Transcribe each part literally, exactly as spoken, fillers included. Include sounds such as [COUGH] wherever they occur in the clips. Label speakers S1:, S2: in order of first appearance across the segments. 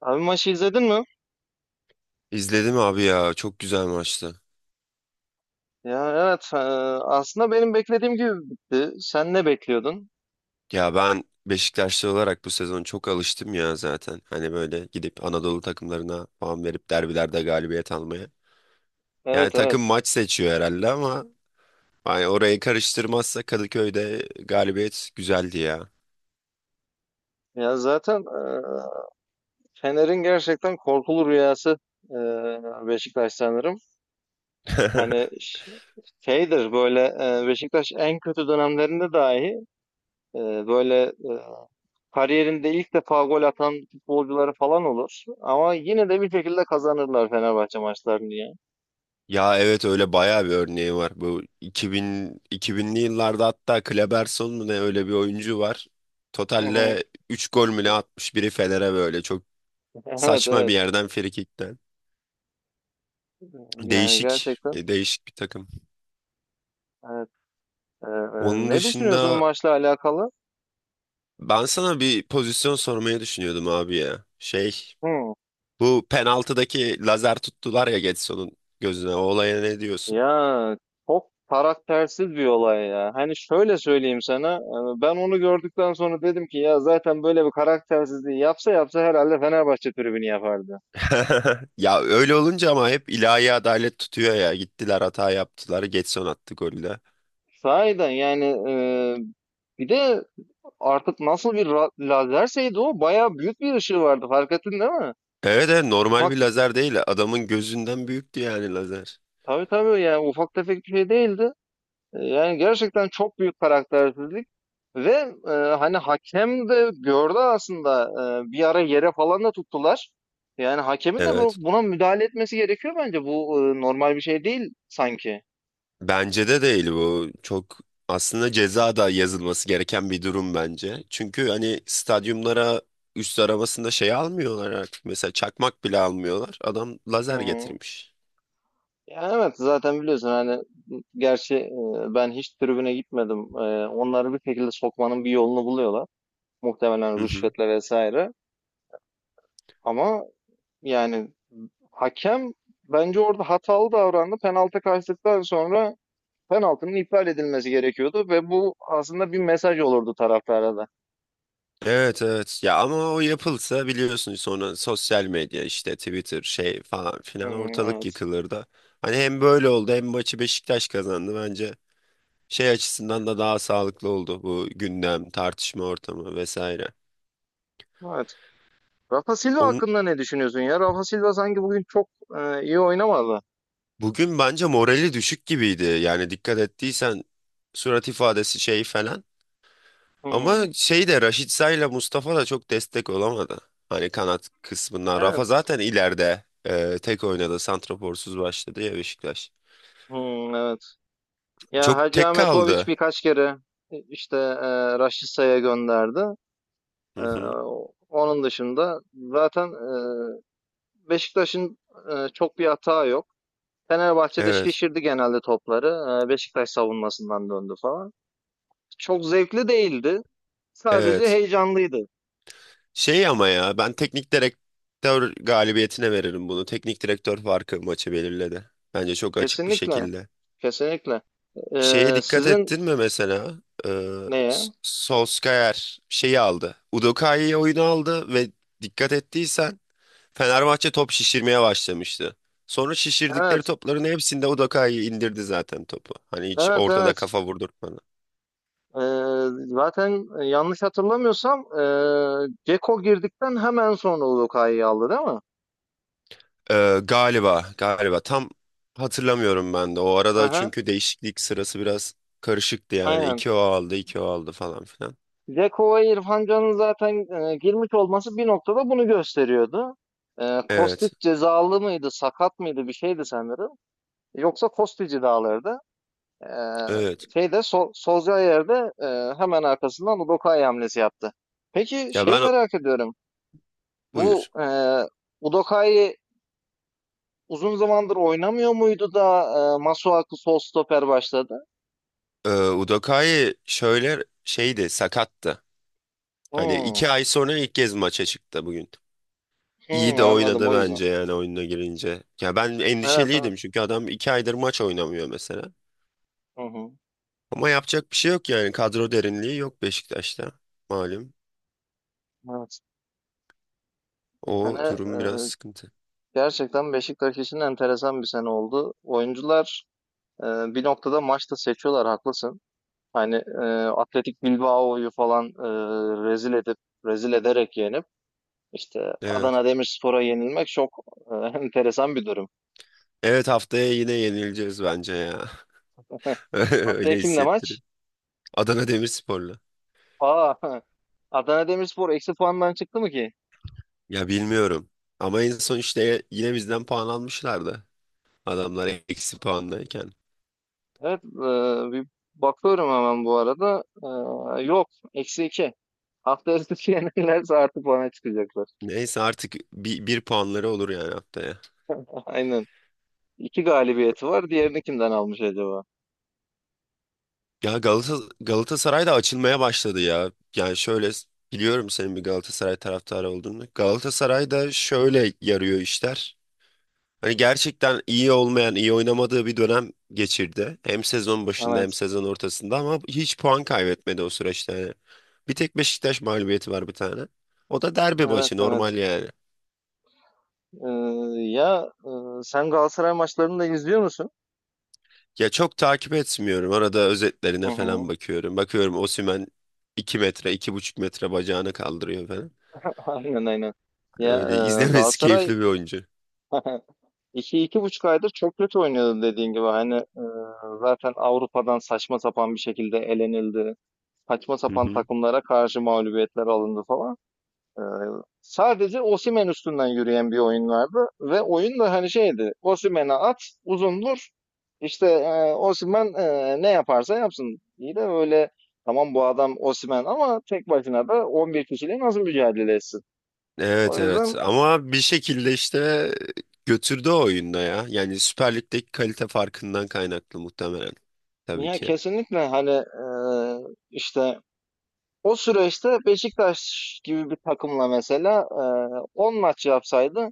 S1: Abi maçı izledin mi?
S2: İzledim abi ya, çok güzel maçtı.
S1: Ya evet, e, aslında benim beklediğim gibi bitti. Sen ne bekliyordun?
S2: Ya ben Beşiktaşlı olarak bu sezon çok alıştım ya zaten. Hani böyle gidip Anadolu takımlarına puan verip derbilerde galibiyet almaya. Yani
S1: Evet
S2: takım
S1: evet.
S2: maç seçiyor herhalde, ama hani orayı karıştırmazsa Kadıköy'de galibiyet güzeldi ya.
S1: Ya zaten e, Fener'in gerçekten korkulu rüyası e, Beşiktaş sanırım. Hani
S2: [LAUGHS]
S1: ş- şeydir böyle. E, Beşiktaş en kötü dönemlerinde dahi e, böyle e, kariyerinde ilk defa gol atan futbolcuları falan olur. Ama yine de bir şekilde kazanırlar Fenerbahçe maçlarını ya.
S2: Ya evet, öyle bayağı bir örneği var. Bu iki bin, iki binli yıllarda hatta Kleberson mu ne, öyle bir oyuncu var.
S1: Hı hı.
S2: Totalle üç gol mü ne atmış biri Fener'e, böyle çok
S1: Evet
S2: saçma bir
S1: evet.
S2: yerden, frikikten.
S1: Yani
S2: Değişik,
S1: gerçekten.
S2: e, değişik bir takım.
S1: Evet. Ee,
S2: Onun
S1: ne düşünüyorsun
S2: dışında
S1: maçla alakalı?
S2: ben sana bir pozisyon sormayı düşünüyordum abi ya. Şey,
S1: Hı.
S2: bu penaltıdaki lazer tuttular ya Getson'un gözüne. O olaya ne diyorsun?
S1: Ya çok karaktersiz bir olay ya. Hani şöyle söyleyeyim sana. e, Ben onu gördükten sonra dedim ki ya zaten böyle bir karaktersizliği yapsa yapsa herhalde Fenerbahçe tribünü yapardı.
S2: [LAUGHS] Ya öyle olunca ama hep ilahi adalet tutuyor ya. Gittiler, hata yaptılar. Getson attı golü de.
S1: Sahiden yani, e, bir de artık nasıl bir ra- lazerseydi o bayağı büyük bir ışığı vardı. Fark ettin değil mi?
S2: Evet, evet, normal
S1: Ufak,
S2: bir lazer değil. Adamın gözünden büyüktü yani lazer.
S1: tabii tabii yani ufak tefek bir şey değildi. Ee, Yani gerçekten çok büyük karaktersizlik ve, e, hani hakem de gördü aslında, e, bir ara yere falan da tuttular. Yani hakemin de bu,
S2: Evet.
S1: buna müdahale etmesi gerekiyor bence. Bu e, normal bir şey değil sanki.
S2: Bence de değil bu. Çok aslında ceza da yazılması gereken bir durum bence. Çünkü hani stadyumlara üst arabasında şey almıyorlar artık. Mesela çakmak bile almıyorlar. Adam
S1: Hı
S2: lazer
S1: hı.
S2: getirmiş.
S1: Yani evet, zaten biliyorsun hani. Gerçi e, ben hiç tribüne gitmedim. E, onları bir şekilde sokmanın bir yolunu buluyorlar.
S2: Hı
S1: Muhtemelen
S2: hı.
S1: rüşvetle vesaire. Ama yani hakem bence orada hatalı davrandı. Penaltı kaçtıktan sonra penaltının iptal edilmesi gerekiyordu ve bu aslında bir mesaj olurdu taraftara da.
S2: Evet, evet. Ya ama o yapılsa, biliyorsun, sonra sosyal medya işte Twitter şey falan filan,
S1: Hmm,
S2: ortalık
S1: evet.
S2: yıkılır da. Hani hem böyle oldu, hem maçı Beşiktaş kazandı bence. Şey açısından da daha sağlıklı oldu bu gündem, tartışma ortamı vesaire.
S1: Evet. Rafa Silva
S2: Onun,
S1: hakkında ne düşünüyorsun ya? Rafa Silva sanki bugün çok e, iyi oynamadı.
S2: Bugün bence morali düşük gibiydi. Yani dikkat ettiysen surat ifadesi şey falan.
S1: Hmm,
S2: Ama şey de, Raşitsa ile Mustafa da çok destek olamadı. Hani kanat kısmından.
S1: evet.
S2: Rafa zaten ileride e, tek oynadı. Santraforsuz başladı ya Beşiktaş.
S1: Hmm, evet. Ya
S2: Çok
S1: Hacı
S2: tek
S1: Ahmetoviç
S2: kaldı.
S1: birkaç kere e, işte e, Raşitsa'ya gönderdi.
S2: Hı
S1: E,
S2: hı.
S1: onun dışında zaten e, Beşiktaş'ın e, çok bir hata yok. Fenerbahçe'de
S2: Evet.
S1: şişirdi genelde topları. E, Beşiktaş savunmasından döndü falan. çok zevkli değildi. Sadece
S2: Evet.
S1: heyecanlıydı.
S2: Şey ama, ya, ben teknik direktör galibiyetine veririm bunu. Teknik direktör farkı maçı belirledi. Bence çok açık bir
S1: Kesinlikle,
S2: şekilde.
S1: kesinlikle.
S2: Şeye
S1: Ee,
S2: dikkat
S1: sizin
S2: ettin mi mesela? Ee,
S1: neye?
S2: S- Solskjaer şeyi aldı. Udoka'yı oyunu aldı ve dikkat ettiysen Fenerbahçe top şişirmeye başlamıştı. Sonra şişirdikleri
S1: Evet,
S2: topların hepsinde Udoka'yı indirdi zaten topu. Hani hiç
S1: evet,
S2: ortada
S1: evet.
S2: kafa vurdurtmadı.
S1: Ee, zaten yanlış hatırlamıyorsam, ee, Ceko girdikten hemen sonra Luka'yı aldı değil mi?
S2: Ee, galiba, galiba. Tam hatırlamıyorum ben de. O arada
S1: Aha,
S2: çünkü değişiklik sırası biraz karışıktı yani.
S1: aynen.
S2: İki o aldı, iki o aldı falan filan.
S1: Ceko ve İrfan Can'ın zaten ee, girmiş olması bir noktada bunu gösteriyordu. Ee, Kostic
S2: Evet,
S1: cezalı mıydı, sakat mıydı, bir şeydi sanırım. Yoksa Kostic'i de alırdı. Ee,
S2: evet.
S1: şeyde sol, Solskjaer'de e, hemen arkasından Udokai hamlesi yaptı. Peki
S2: Ya
S1: şeyi
S2: ben...
S1: merak ediyorum. Bu
S2: Buyur.
S1: e, Udokai uzun zamandır oynamıyor muydu da e, Masuaku sol stoper başladı?
S2: Ee, Udokai şöyle şeydi, sakattı. Hani
S1: Hmm,
S2: iki ay sonra ilk kez maça çıktı bugün. İyi
S1: hmm,
S2: de
S1: anladım
S2: oynadı
S1: o yüzden.
S2: bence, yani oyuna girince. Ya ben
S1: Evet
S2: endişeliydim
S1: evet.
S2: çünkü adam iki aydır maç oynamıyor mesela.
S1: Hı hı,
S2: Ama yapacak bir şey yok, yani kadro derinliği yok Beşiktaş'ta, malum.
S1: evet. Bu
S2: O
S1: sene e,
S2: durum biraz sıkıntı.
S1: gerçekten Beşiktaş için enteresan bir sene oldu. Oyuncular e, bir noktada maçta seçiyorlar, haklısın. Hani e, Atletik Bilbao'yu falan e, rezil edip, rezil ederek yenip işte
S2: Evet.
S1: Adana Demirspor'a yenilmek çok e, [LAUGHS] enteresan bir durum.
S2: Evet, haftaya yine yenileceğiz bence ya.
S1: [LAUGHS]
S2: [LAUGHS]
S1: Haftaya
S2: Öyle
S1: kimle maç?
S2: hissettiriyor. Adana Demirspor'la.
S1: Aa, [LAUGHS] Adana Demirspor eksi puandan çıktı mı ki?
S2: Ya bilmiyorum. Ama en son işte yine bizden puan almışlardı. Adamlar eksi puandayken.
S1: Evet, e, bir bakıyorum hemen bu arada. E, yok, eksi iki. Haftaya [LAUGHS] sizi yenilirse artı puana çıkacaklar.
S2: Neyse artık bir, bir puanları olur yani haftaya.
S1: [LAUGHS] Aynen. İki galibiyeti var. Diğerini kimden almış acaba?
S2: Ya Galata, Galatasaray da açılmaya başladı ya. Yani şöyle, biliyorum senin bir Galatasaray taraftarı olduğunu. Galatasaray da şöyle yarıyor işler. Hani gerçekten iyi olmayan, iyi oynamadığı bir dönem geçirdi. Hem sezon başında hem
S1: Evet.
S2: sezon ortasında, ama hiç puan kaybetmedi o süreçte. Yani bir tek Beşiktaş mağlubiyeti var, bir tane. O da derbi
S1: Evet,
S2: maçı,
S1: evet.
S2: normal yani.
S1: Eee, ya, eee, sen Galatasaray maçlarını da izliyor musun?
S2: Ya çok takip etmiyorum. Arada
S1: Hı
S2: özetlerine falan
S1: hı.
S2: bakıyorum. Bakıyorum Osimhen iki metre, iki buçuk metre bacağını kaldırıyor falan.
S1: [LAUGHS] Aynen aynen. Ya,
S2: Öyle
S1: eee,
S2: izlemesi [LAUGHS]
S1: Galatasaray
S2: keyifli bir oyuncu.
S1: [LAUGHS] iki iki buçuk aydır çok kötü oynuyordu dediğin gibi. Hani eee, zaten Avrupa'dan saçma sapan bir şekilde elenildi. Saçma
S2: Hı
S1: sapan
S2: hı.
S1: takımlara karşı mağlubiyetler alındı falan. Ee, sadece Osimhen üstünden yürüyen bir oyun vardı ve oyun da hani şeydi. Osimhen'e at, uzun vur. İşte e, Osimhen, e, ne yaparsa yapsın. İyi de öyle, tamam, bu adam Osimhen, ama tek başına da on bir kişiyle nasıl mücadele etsin?
S2: Evet,
S1: O
S2: evet,
S1: yüzden,
S2: ama bir şekilde işte götürdü o oyunda ya. Yani Süper Lig'deki kalite farkından kaynaklı muhtemelen. Tabii
S1: ya
S2: ki.
S1: kesinlikle hani, e, işte o süreçte Beşiktaş gibi bir takımla mesela e, on maç yapsaydı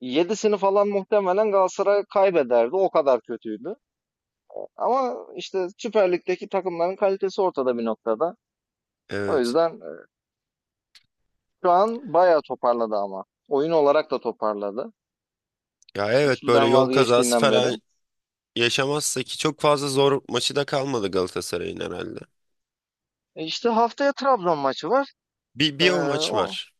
S1: yedisini falan muhtemelen Galatasaray kaybederdi. O kadar kötüydü. Ama işte Süper Lig'deki takımların kalitesi ortada bir noktada. O
S2: Evet.
S1: yüzden e, şu an bayağı toparladı ama. Oyun olarak da toparladı.
S2: Ya evet, böyle
S1: Üçlüden
S2: yol kazası
S1: vazgeçtiğinden beri.
S2: falan yaşamazsa, ki çok fazla zor maçı da kalmadı Galatasaray'ın herhalde.
S1: E işte haftaya Trabzon maçı var.
S2: Bir,
S1: E,
S2: bir o maç
S1: o
S2: var.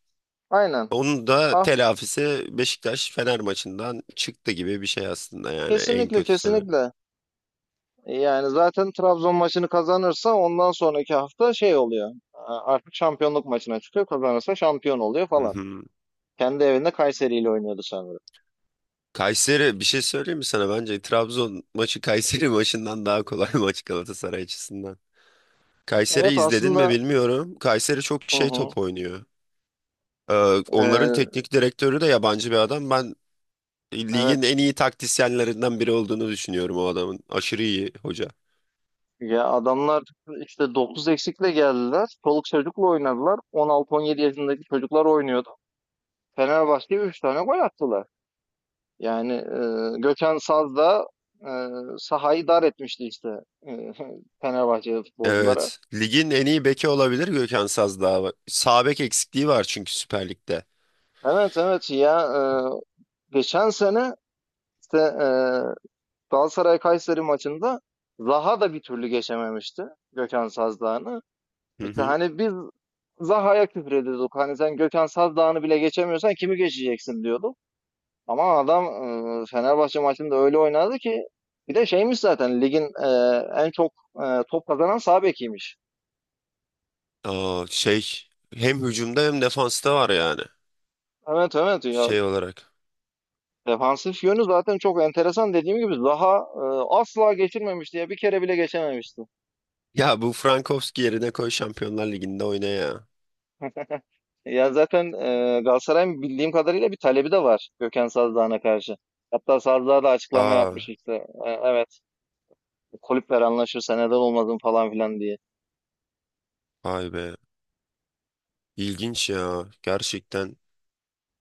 S1: aynen.
S2: Onun da
S1: Ha,
S2: telafisi Beşiktaş-Fener maçından çıktı gibi bir şey aslında, yani en
S1: kesinlikle
S2: kötü sene.
S1: kesinlikle. E, Yani zaten Trabzon maçını kazanırsa ondan sonraki hafta şey oluyor. E, Artık şampiyonluk maçına çıkıyor. Kazanırsa şampiyon oluyor
S2: Hı
S1: falan.
S2: hı.
S1: Kendi evinde Kayseri ile oynuyordu sanırım.
S2: Kayseri, bir şey söyleyeyim mi sana? Bence Trabzon maçı Kayseri [LAUGHS] maçından daha kolay [LAUGHS] maç Galatasaray açısından. Kayseri
S1: Evet
S2: izledin mi
S1: aslında.
S2: bilmiyorum. Kayseri çok
S1: Hı
S2: şey,
S1: hı.
S2: top oynuyor. Ee, Onların teknik direktörü de yabancı bir adam. Ben
S1: E,
S2: ligin
S1: evet.
S2: en iyi taktisyenlerinden biri olduğunu düşünüyorum o adamın. Aşırı iyi hoca.
S1: Ya adamlar işte dokuz eksikle geldiler. Çoluk çocukla oynadılar. on altı on yedi yaşındaki çocuklar oynuyordu. Fenerbahçe'ye üç tane gol attılar. Yani e, Gökhan Saz da e, sahayı dar etmişti işte e, [LAUGHS] Fenerbahçe futbolculara.
S2: Evet. Ligin en iyi beki olabilir Gökhan Sazdağ. Sağ bek eksikliği var çünkü Süper Lig'de.
S1: Evet evet ya, e, geçen sene işte e, Galatasaray-Kayseri maçında Zaha da bir türlü geçememişti Gökhan Saz.
S2: Hı
S1: İşte
S2: hı.
S1: hani biz Zaha'ya küfür ediyorduk. Hani sen Gökhan Saz Dağı'nı bile geçemiyorsan kimi geçeceksin, diyorduk. Ama adam e, Fenerbahçe maçında öyle oynadı ki, bir de şeymiş zaten ligin e, en çok e, top kazanan sağ bekiymiş.
S2: Aa, şey, hem hücumda hem defansta var yani
S1: Evet evet ya,
S2: şey olarak.
S1: defansif yönü zaten çok enteresan. Dediğim gibi Zaha e, asla geçirmemişti ya, bir kere bile geçememişti.
S2: Ya bu Frankowski yerine koy Şampiyonlar Ligi'nde oyna ya.
S1: Ya zaten e, Galatasaray'ın bildiğim kadarıyla bir talebi de var Gökhan Saz Dağı'na karşı. Hatta Saz Dağı da açıklama yapmış
S2: Aa,
S1: işte. E, evet, kulüpler anlaşırsa neden olmasın, falan filan diye.
S2: vay be. İlginç ya, gerçekten.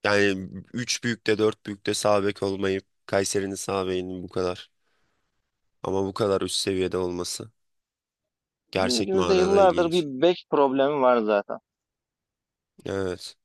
S2: Yani üç büyükte, dört büyükte sağ bek olmayıp Kayseri'nin sağ bekinin bu kadar. Ama bu kadar üst seviyede olması
S1: Bizim
S2: gerçek
S1: ülkemizde
S2: manada
S1: yıllardır bir
S2: ilginç.
S1: bek problemi var zaten.
S2: Evet.